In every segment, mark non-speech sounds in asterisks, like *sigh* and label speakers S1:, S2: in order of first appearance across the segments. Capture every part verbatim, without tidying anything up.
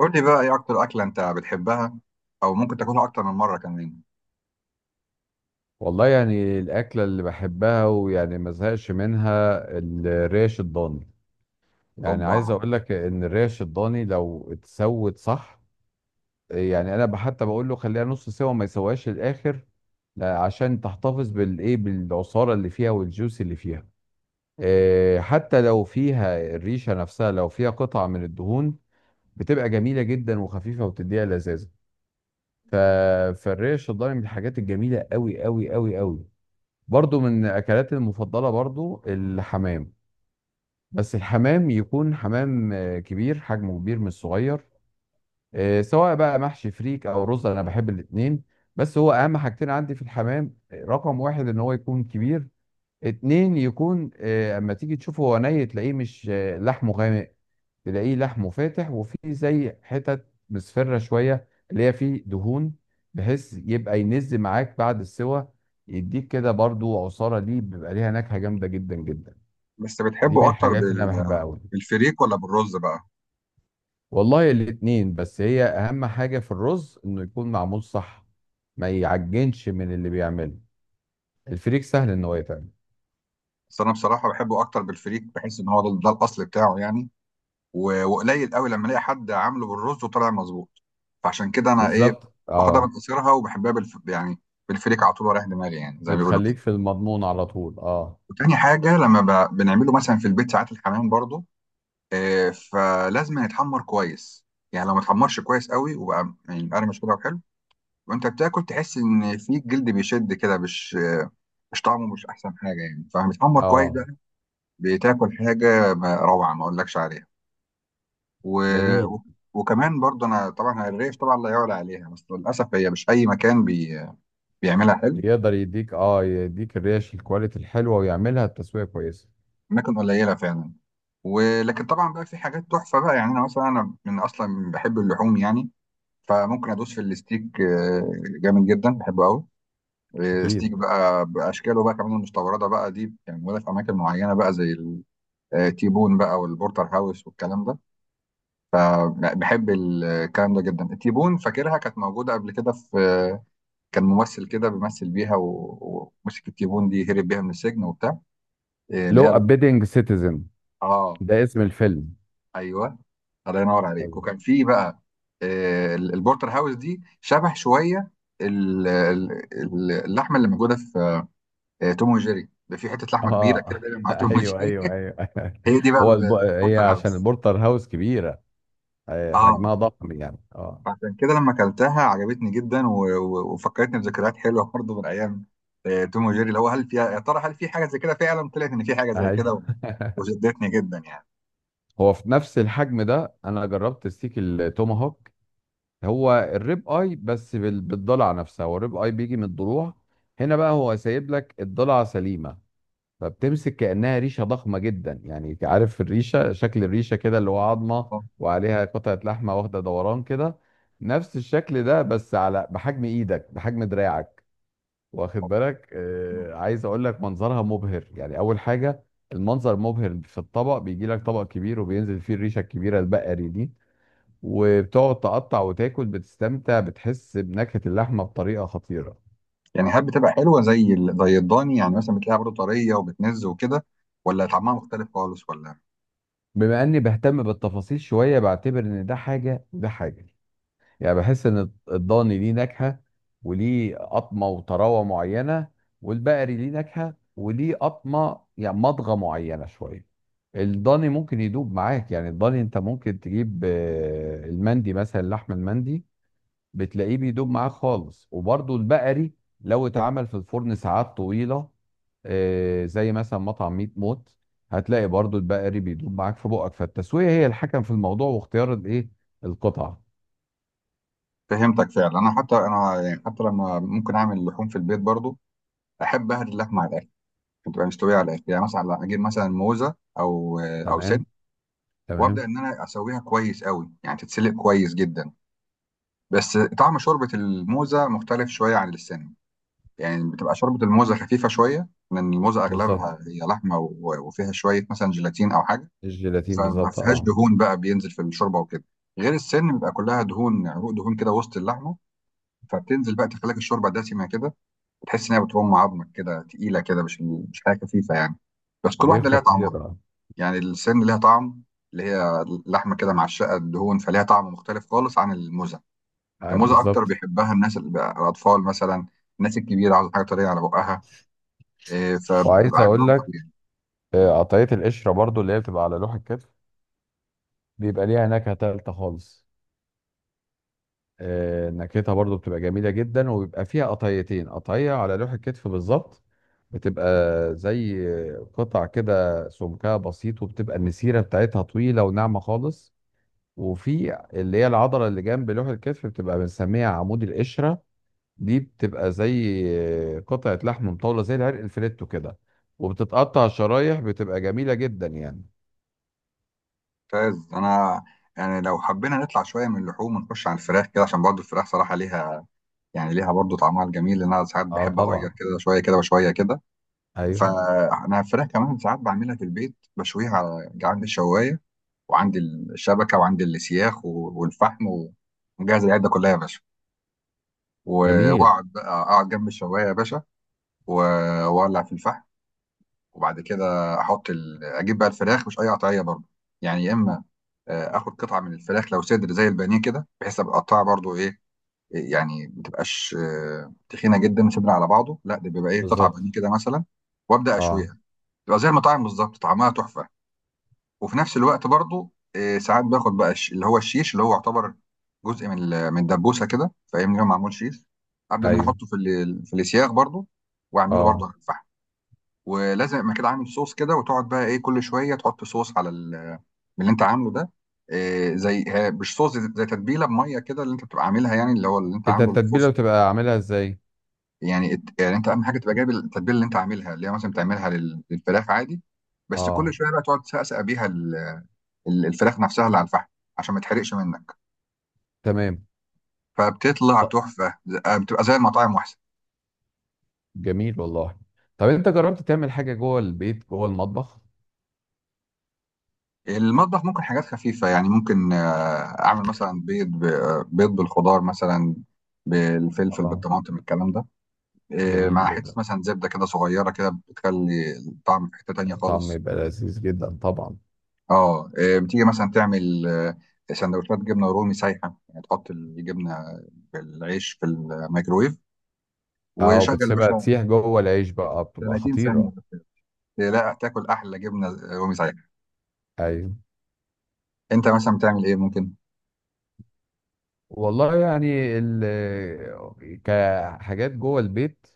S1: قول لي بقى ايه اكتر اكله انت بتحبها او ممكن تاكلها اكتر من مره كمان.
S2: والله، يعني الأكلة اللي بحبها، ويعني ما زهقش منها الريش الضاني. يعني
S1: اوبا.
S2: عايز أقول لك إن الريش الضاني لو اتسوت صح. يعني أنا حتى بقول له خليها نص سوا، ما يسواش للآخر. لا، عشان تحتفظ بالإيه، بالعصارة اللي فيها والجوس اللي فيها. إيه، حتى لو فيها الريشة نفسها، لو فيها قطع من الدهون بتبقى جميلة جدا وخفيفة وبتديها لذاذة. ف... فالريش الضاني من الحاجات الجميلة قوي قوي قوي قوي. برضو من اكلاتي المفضله، برضو الحمام. بس الحمام يكون حمام آه، كبير، حجمه كبير مش صغير. آه، سواء بقى محشي فريك او رز، انا بحب الاتنين. بس هو اهم حاجتين عندي في الحمام، آه، رقم واحد ان هو يكون كبير. اتنين، يكون آه، اما تيجي تشوفه هو ني تلاقيه مش آه، لحمه غامق، تلاقيه لحمه فاتح وفيه زي حتت مصفرة شوية اللي هي فيه دهون، بحيث يبقى ينز معاك بعد السوى، يديك كده برضو عصارة، دي بيبقى ليها نكهة جامدة جدا جدا.
S1: بس
S2: دي من
S1: بتحبه اكتر
S2: الحاجات اللي
S1: بال...
S2: أنا بحبها أوي.
S1: بالفريك ولا بالرز بقى؟
S2: والله الاتنين، بس هي أهم حاجة في الرز إنه يكون معمول صح، ما يعجنش من اللي بيعمله. الفريك سهل إن هو يتعمل.
S1: بس انا بصراحه بحبه اكتر بالفريك، بحس ان هو ده, ده الاصل بتاعه يعني. و... وقليل قوي لما الاقي حد عامله بالرز وطلع مظبوط، فعشان كده انا ايه،
S2: بالظبط،
S1: باخدها من
S2: اه.
S1: قصيرها وبحبها بالف... يعني بالفريك على طول ورايح دماغي، يعني زي ما بيقولوا
S2: بتخليك
S1: كده.
S2: في المضمون على طول، اه.
S1: وتاني حاجه لما ب... بنعمله مثلا في البيت ساعات الحمام برضو، آه، فلازم يتحمر كويس. يعني لو ما اتحمرش كويس قوي وبقى يعني مقرمش كده وحلو، وانت بتاكل تحس ان في الجلد بيشد كده، مش مش طعمه مش احسن حاجه يعني. فبيتحمر كويس
S2: اه.
S1: بقى، بتاكل حاجه ما- روعه ما اقولكش عليها. و...
S2: جميل.
S1: و... وكمان برضه انا طبعا الريش طبعا لا يعلى عليها، بس للاسف هي مش اي مكان بي... بيعملها حلو،
S2: يقدر يديك اه يديك الريش الكواليتي الحلوه، ويعملها التسويق كويسه.
S1: اماكن قليله فعلا. ولكن طبعا بقى في حاجات تحفه بقى، يعني انا مثلا انا من اصلا بحب اللحوم يعني، فممكن ادوس في الستيك، آه، جامد جدا بحبه قوي. آه، ستيك
S2: اكيد.
S1: بقى باشكاله بقى، كمان المستورده بقى دي يعني موجوده في اماكن معينه بقى، زي آه، تيبون بقى والبورتر هاوس والكلام ده. آه، بحب الكلام ده جدا. تيبون فاكرها كانت موجودة قبل كده في آه، كان ممثل كده بيمثل بيها و- ومسك التيبون دي هرب بيها من السجن وبتاع، آه، اللي
S2: لو
S1: هي ال-
S2: ابيدنج سيتيزن.
S1: اه،
S2: ده اسم الفيلم.
S1: ايوه. الله ينور عليك.
S2: طيب.
S1: وكان في بقى آه، ال- البورتر هاوس دي شبه شوية ال- ال- ال- اللحمة اللي موجودة في آه، توم وجيري، ده في حتة لحمة كبيرة كده
S2: اه.
S1: دايما
S2: *laughs*
S1: مع توم
S2: ايوه
S1: وجيري
S2: ايوه
S1: *laughs*
S2: ايوه. *laughs*
S1: هي دي بقى
S2: هو الب...
S1: ال-
S2: هي
S1: البورتر
S2: عشان
S1: هاوس.
S2: البورتر هاوس كبيره. آه،
S1: اه،
S2: حجمها ضخم يعني، اه.
S1: عشان كده لما اكلتها عجبتني جدا، و... و... وفكرتني بذكريات حلوه برضه من ايام آه، توم وجيري، اللي هو هل فيها يا ترى، هل في حاجه زي كده؟ فعلا طلعت ان في حاجه زي كده،
S2: ايوه.
S1: و...
S2: *laughs*
S1: وشدتني جدا يعني.
S2: هو في نفس الحجم ده، انا جربت ستيك التوماهوك. هو الريب اي، بس بال- بالضلع نفسها. هو الريب اي بيجي من الضلوع هنا بقى، هو سايب لك الضلع سليمه، فبتمسك كأنها ريشة ضخمة جدا. يعني انت عارف الريشة، شكل الريشة كده اللي هو عظمة وعليها قطعة لحمة واخدة دوران كده. نفس الشكل ده، بس على بحجم ايدك، بحجم دراعك. واخد بالك، آه عايز اقول لك منظرها مبهر يعني. اول حاجة المنظر مبهر في الطبق، بيجي لك طبق كبير وبينزل فيه الريشة الكبيرة البقري دي، وبتقعد تقطع وتاكل، بتستمتع، بتحس بنكهة اللحمة بطريقة خطيرة.
S1: يعني هل بتبقى حلوه زي ال... زي الضاني؟ يعني مثلا بتلاقيها برضه طريه وبتنز وكده، ولا طعمها مختلف خالص ولا؟
S2: بما اني بهتم بالتفاصيل شوية، بعتبر ان ده حاجة وده حاجة. يعني بحس ان الضاني ليه نكهه وليه قطمه وطراوه معينه، والبقري ليه نكهه وليه قطمه، يعني مضغه معينه شويه. الضاني ممكن يدوب معاك، يعني الضاني انت ممكن تجيب آه، المندي مثلا، اللحم المندي بتلاقيه بيدوب معاك خالص. وبرضه البقري لو اتعمل في الفرن ساعات طويله، آه، زي مثلا مطعم ميت موت، هتلاقي برضه البقري بيدوب معاك في بقك. فالتسويه هي الحكم في الموضوع، واختيار الايه، القطعه.
S1: فهمتك فعلا. انا حتى انا يعني حتى لما ممكن اعمل لحوم في البيت برضه، احب اهري اللحمه على الاخر، بتبقى مستويه على الاخر. يعني مثلا اجيب مثلا موزه او آه، او
S2: تمام.
S1: سن،
S2: تمام.
S1: وابدا ان انا اسويها كويس قوي، يعني تتسلق كويس جدا. بس طعم شوربه الموزه مختلف شويه عن اللسان، يعني بتبقى شوربه الموزه خفيفه شويه لان الموزه اغلبها
S2: بالظبط.
S1: هي لحمه و- وفيها شويه مثلا جيلاتين او حاجه،
S2: الجيلاتين
S1: فما
S2: بالظبط،
S1: فيهاش
S2: اه.
S1: دهون بقى بينزل في الشوربه وكده. غير السن بيبقى كلها دهون، عروق دهون كده وسط اللحمه، فبتنزل بقى تخليك الشوربه دسمه كده، بتحس انها بترم عظمك كده تقيله كده، مش مش حاجه خفيفه يعني. بس كل
S2: دي
S1: واحده ليها طعم،
S2: خطيرة.
S1: يعني السن ليها طعم، اللي هي لحمة كده معشقة الدهون، فليها طعم مختلف خالص عن الموزة.
S2: آه،
S1: الموزة أكتر
S2: بالظبط.
S1: بيحبها الناس، ال- الأطفال مثلا. الناس الكبيرة عاوزة حاجة طرية على بقها، إيه، فبتبقى
S2: وعايز اقول
S1: عاجبهم
S2: لك،
S1: أوي يعني.
S2: آه، قطعية القشرة برضو، اللي هي بتبقى على لوح الكتف بيبقى ليها نكهة تالتة خالص. آه، نكهتها برضو بتبقى جميلة جدا، وبيبقى فيها قطعيتين، قطعية على لوح الكتف بالظبط، بتبقى زي قطع كده سمكها بسيط، وبتبقى المسيرة بتاعتها طويلة وناعمة خالص. وفي اللي هي العضلة اللي جنب لوح الكتف، بتبقى بنسميها عمود القشرة، دي بتبقى زي قطعة لحم مطولة، زي العرق الفليتو كده، وبتتقطع شرايح، بتبقى جميلة جدا يعني.
S1: ممتاز. أنا يعني لو حبينا نطلع شوية من اللحوم ونخش على الفراخ كده، عشان برضه الفراخ صراحة ليها يعني ليها برضه طعمها الجميل، لأن أنا ساعات
S2: اه،
S1: بحب أغير
S2: طبعا.
S1: كده شوية كده وشوية كده.
S2: ايوه.
S1: فأنا الفراخ كمان ساعات بعملها في البيت، بشويها على عند الشواية. وعندي الشبكه وعندي السياخ و- والفحم و- ومجهز العده كلها يا باشا، و-
S2: جميل.
S1: واقعد بقى اقعد جنب الشوايه يا باشا، و- واولع في الفحم. وبعد كده احط ال... اجيب بقى الفراخ، مش اي قطعيه برضه. يعني يا اما آه، اخد قطعه من الفراخ لو صدر زي البانيه كده، بحيث ابقى اقطعها برضه ايه، يعني ما تبقاش آه، تخينه جدا صدر على بعضه، لا، ده بيبقى ايه، قطعه
S2: بالظبط،
S1: بانيه كده مثلا، وابدا
S2: اه.
S1: اشويها. تبقى زي المطاعم بالظبط، طعمها تحفه. وفي نفس الوقت برضو آه، ساعات باخد بقى الش- اللي هو الشيش، اللي هو يعتبر جزء من ال- من الدبوسه كده فاهمني، هو معمول شيش، ابدا ان انا
S2: ايوه،
S1: احطه في ال- في السياخ برضو، واعمله برضو
S2: اه.
S1: على الفحم. ولازم ما كده عامل صوص كده، وتقعد بقى ايه كل شويه تحط صوص على ال- من اللي انت عامله ده، آه، زي ها- مش صوص، زي زي تتبيله بميه كده اللي انت بتبقى عاملها، يعني اللي هو اللي انت
S2: انت
S1: عامله الصوص.
S2: التتبيلة بتبقى عاملها ازاي؟
S1: يعني الت- يعني انت اهم حاجه تبقى جايب التتبيله اللي انت عاملها، اللي هي مثلا بتعملها لل- للفراخ عادي، بس كل
S2: اه.
S1: شويه بقى تقعد تسقسق بيها ال- الفراخ نفسها اللي على الفحم، عشان ما تحرقش منك،
S2: تمام.
S1: فبتطلع
S2: طب
S1: تحفه، ز- آه، بتبقى زي المطاعم واحسن.
S2: جميل والله. طب انت جربت تعمل حاجة جوه البيت، جوه المطبخ؟
S1: المطبخ ممكن حاجات خفيفه يعني، ممكن آه، اعمل مثلا بيض ب- آه، بيض بالخضار مثلا، بالفلفل
S2: اه.
S1: بالطماطم الكلام ده، آه،
S2: جميل
S1: مع حته
S2: جدا.
S1: مثلا زبده كده صغيره كده، بتخلي الطعم في حته تانيه
S2: طعم
S1: خالص.
S2: يبقى لذيذ جدا طبعا.
S1: اه، آه، بتيجي مثلا تعمل آه، سندوتشات جبنه رومي سايحه، يعني تحط الجبنه بالعيش في الميكرويف،
S2: اه،
S1: وشغل يا
S2: وبتسيبها
S1: باشا،
S2: تسيح جوه العيش بقى، بتبقى
S1: تلاتين ثانيه،
S2: خطيرة.
S1: لا تاكل احلى جبنه رومي سايحه.
S2: ايوه.
S1: انت مثلا بتعمل ايه ممكن؟
S2: والله يعني ال كحاجات جوه البيت،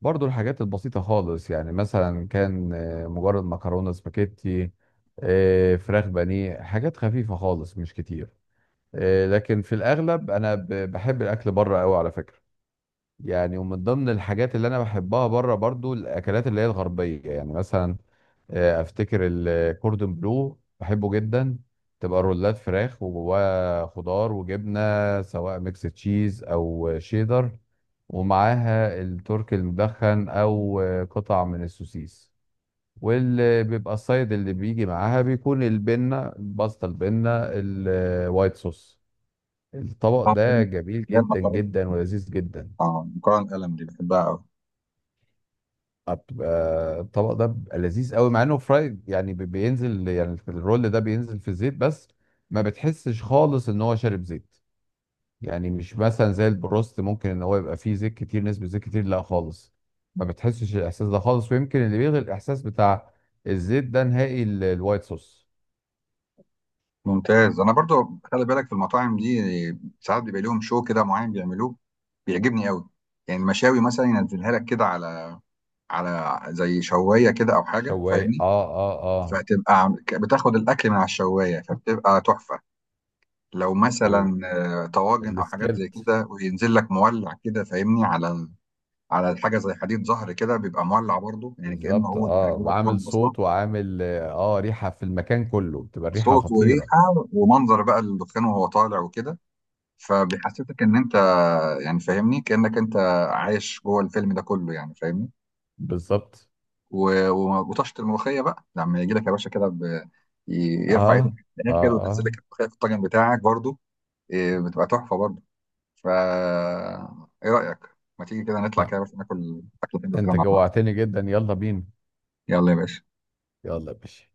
S2: برضو الحاجات البسيطة خالص، يعني مثلا كان آه، مجرد مكرونة سباكيتي، آه، فراخ بانيه، حاجات خفيفة خالص مش كتير. آه، لكن في الأغلب أنا ب- بحب الأكل بره أوي على فكرة. يعني ومن ضمن الحاجات اللي أنا بحبها بره برضو الأكلات اللي هي الغربية، يعني مثلا آه، افتكر الكوردون بلو بحبه جدا. تبقى رولات فراخ، وجواها خضار وجبنه، سواء ميكس تشيز او شيدر، ومعاها الترك المدخن او آه، قطع من السوسيس. واللي بيبقى السايد اللي بيجي معاها بيكون البنه الباستا، البنه الوايت صوص. الطبق
S1: اه،
S2: ده
S1: فاهم.
S2: جميل
S1: اللي هي
S2: جدا
S1: المكرونه،
S2: جدا ولذيذ جدا.
S1: اه، مكرونه قلم دي بحبها قوي.
S2: بيبقى الطبق ده بيبقى لذيذ قوي، مع انه فرايد يعني، بي- بينزل يعني في الرول، ده بينزل في الزيت، بس ما بتحسش خالص ان هو شارب زيت. يعني مش مثلا زي البروست ممكن ان هو يبقى فيه زيت كتير، نسبة زيت كتير، لا خالص، ما بتحسش الاحساس ده خالص. ويمكن اللي بيلغي الاحساس بتاع الزيت ده نهائي، ال- الوايت صوص.
S1: ممتاز. انا برضو خلي بالك، في المطاعم دي ساعات بيبقى لهم شو كده معين بيعملوه، بيعجبني قوي. يعني المشاوي مثلا ينزلها لك كده على على زي شوايه كده او حاجه
S2: شوايه،
S1: فاهمني،
S2: اه اه
S1: فتبقى عم- ك- بتاخد الاكل من على الشوايه فبتبقى تحفه. لو
S2: اه.
S1: مثلا آه، طواجن او حاجات زي
S2: والسكيلت.
S1: كده، وينزل لك مولع كده فاهمني، على ال- على حاجه زي حديد ظهر كده، بيبقى مولع برضو، يعني كانه
S2: بالظبط،
S1: هو
S2: اه.
S1: جوه
S2: وعامل
S1: الفرن اصلا.
S2: صوت، وعامل اه ريحة في المكان كله، بتبقى الريحة
S1: صوت
S2: خطيرة.
S1: وريحة ومنظر بقى الدخان وهو طالع وكده، فبيحسسك ان انت يعني فاهمني كأنك انت عايش جوه الفيلم ده كله، يعني فاهمني.
S2: بالظبط،
S1: و- و- وطشت الملوخية بقى لما يجي لك يا باشا كده، ب- ي- يرفع ايده
S2: اه
S1: في
S2: اه
S1: الاخر وينزل
S2: اه.
S1: لك الملوخية في الطاجن بتاعك برضو، إيه، بتبقى تحفة برضو. فا ايه رأيك، ما تيجي كده نطلع
S2: آه.
S1: كده بس ناكل اكل حلو كده
S2: انت
S1: مع بعض؟
S2: جوعتني جدا، يلا بينا.
S1: يلا يا باشا.
S2: يلا يا باشا.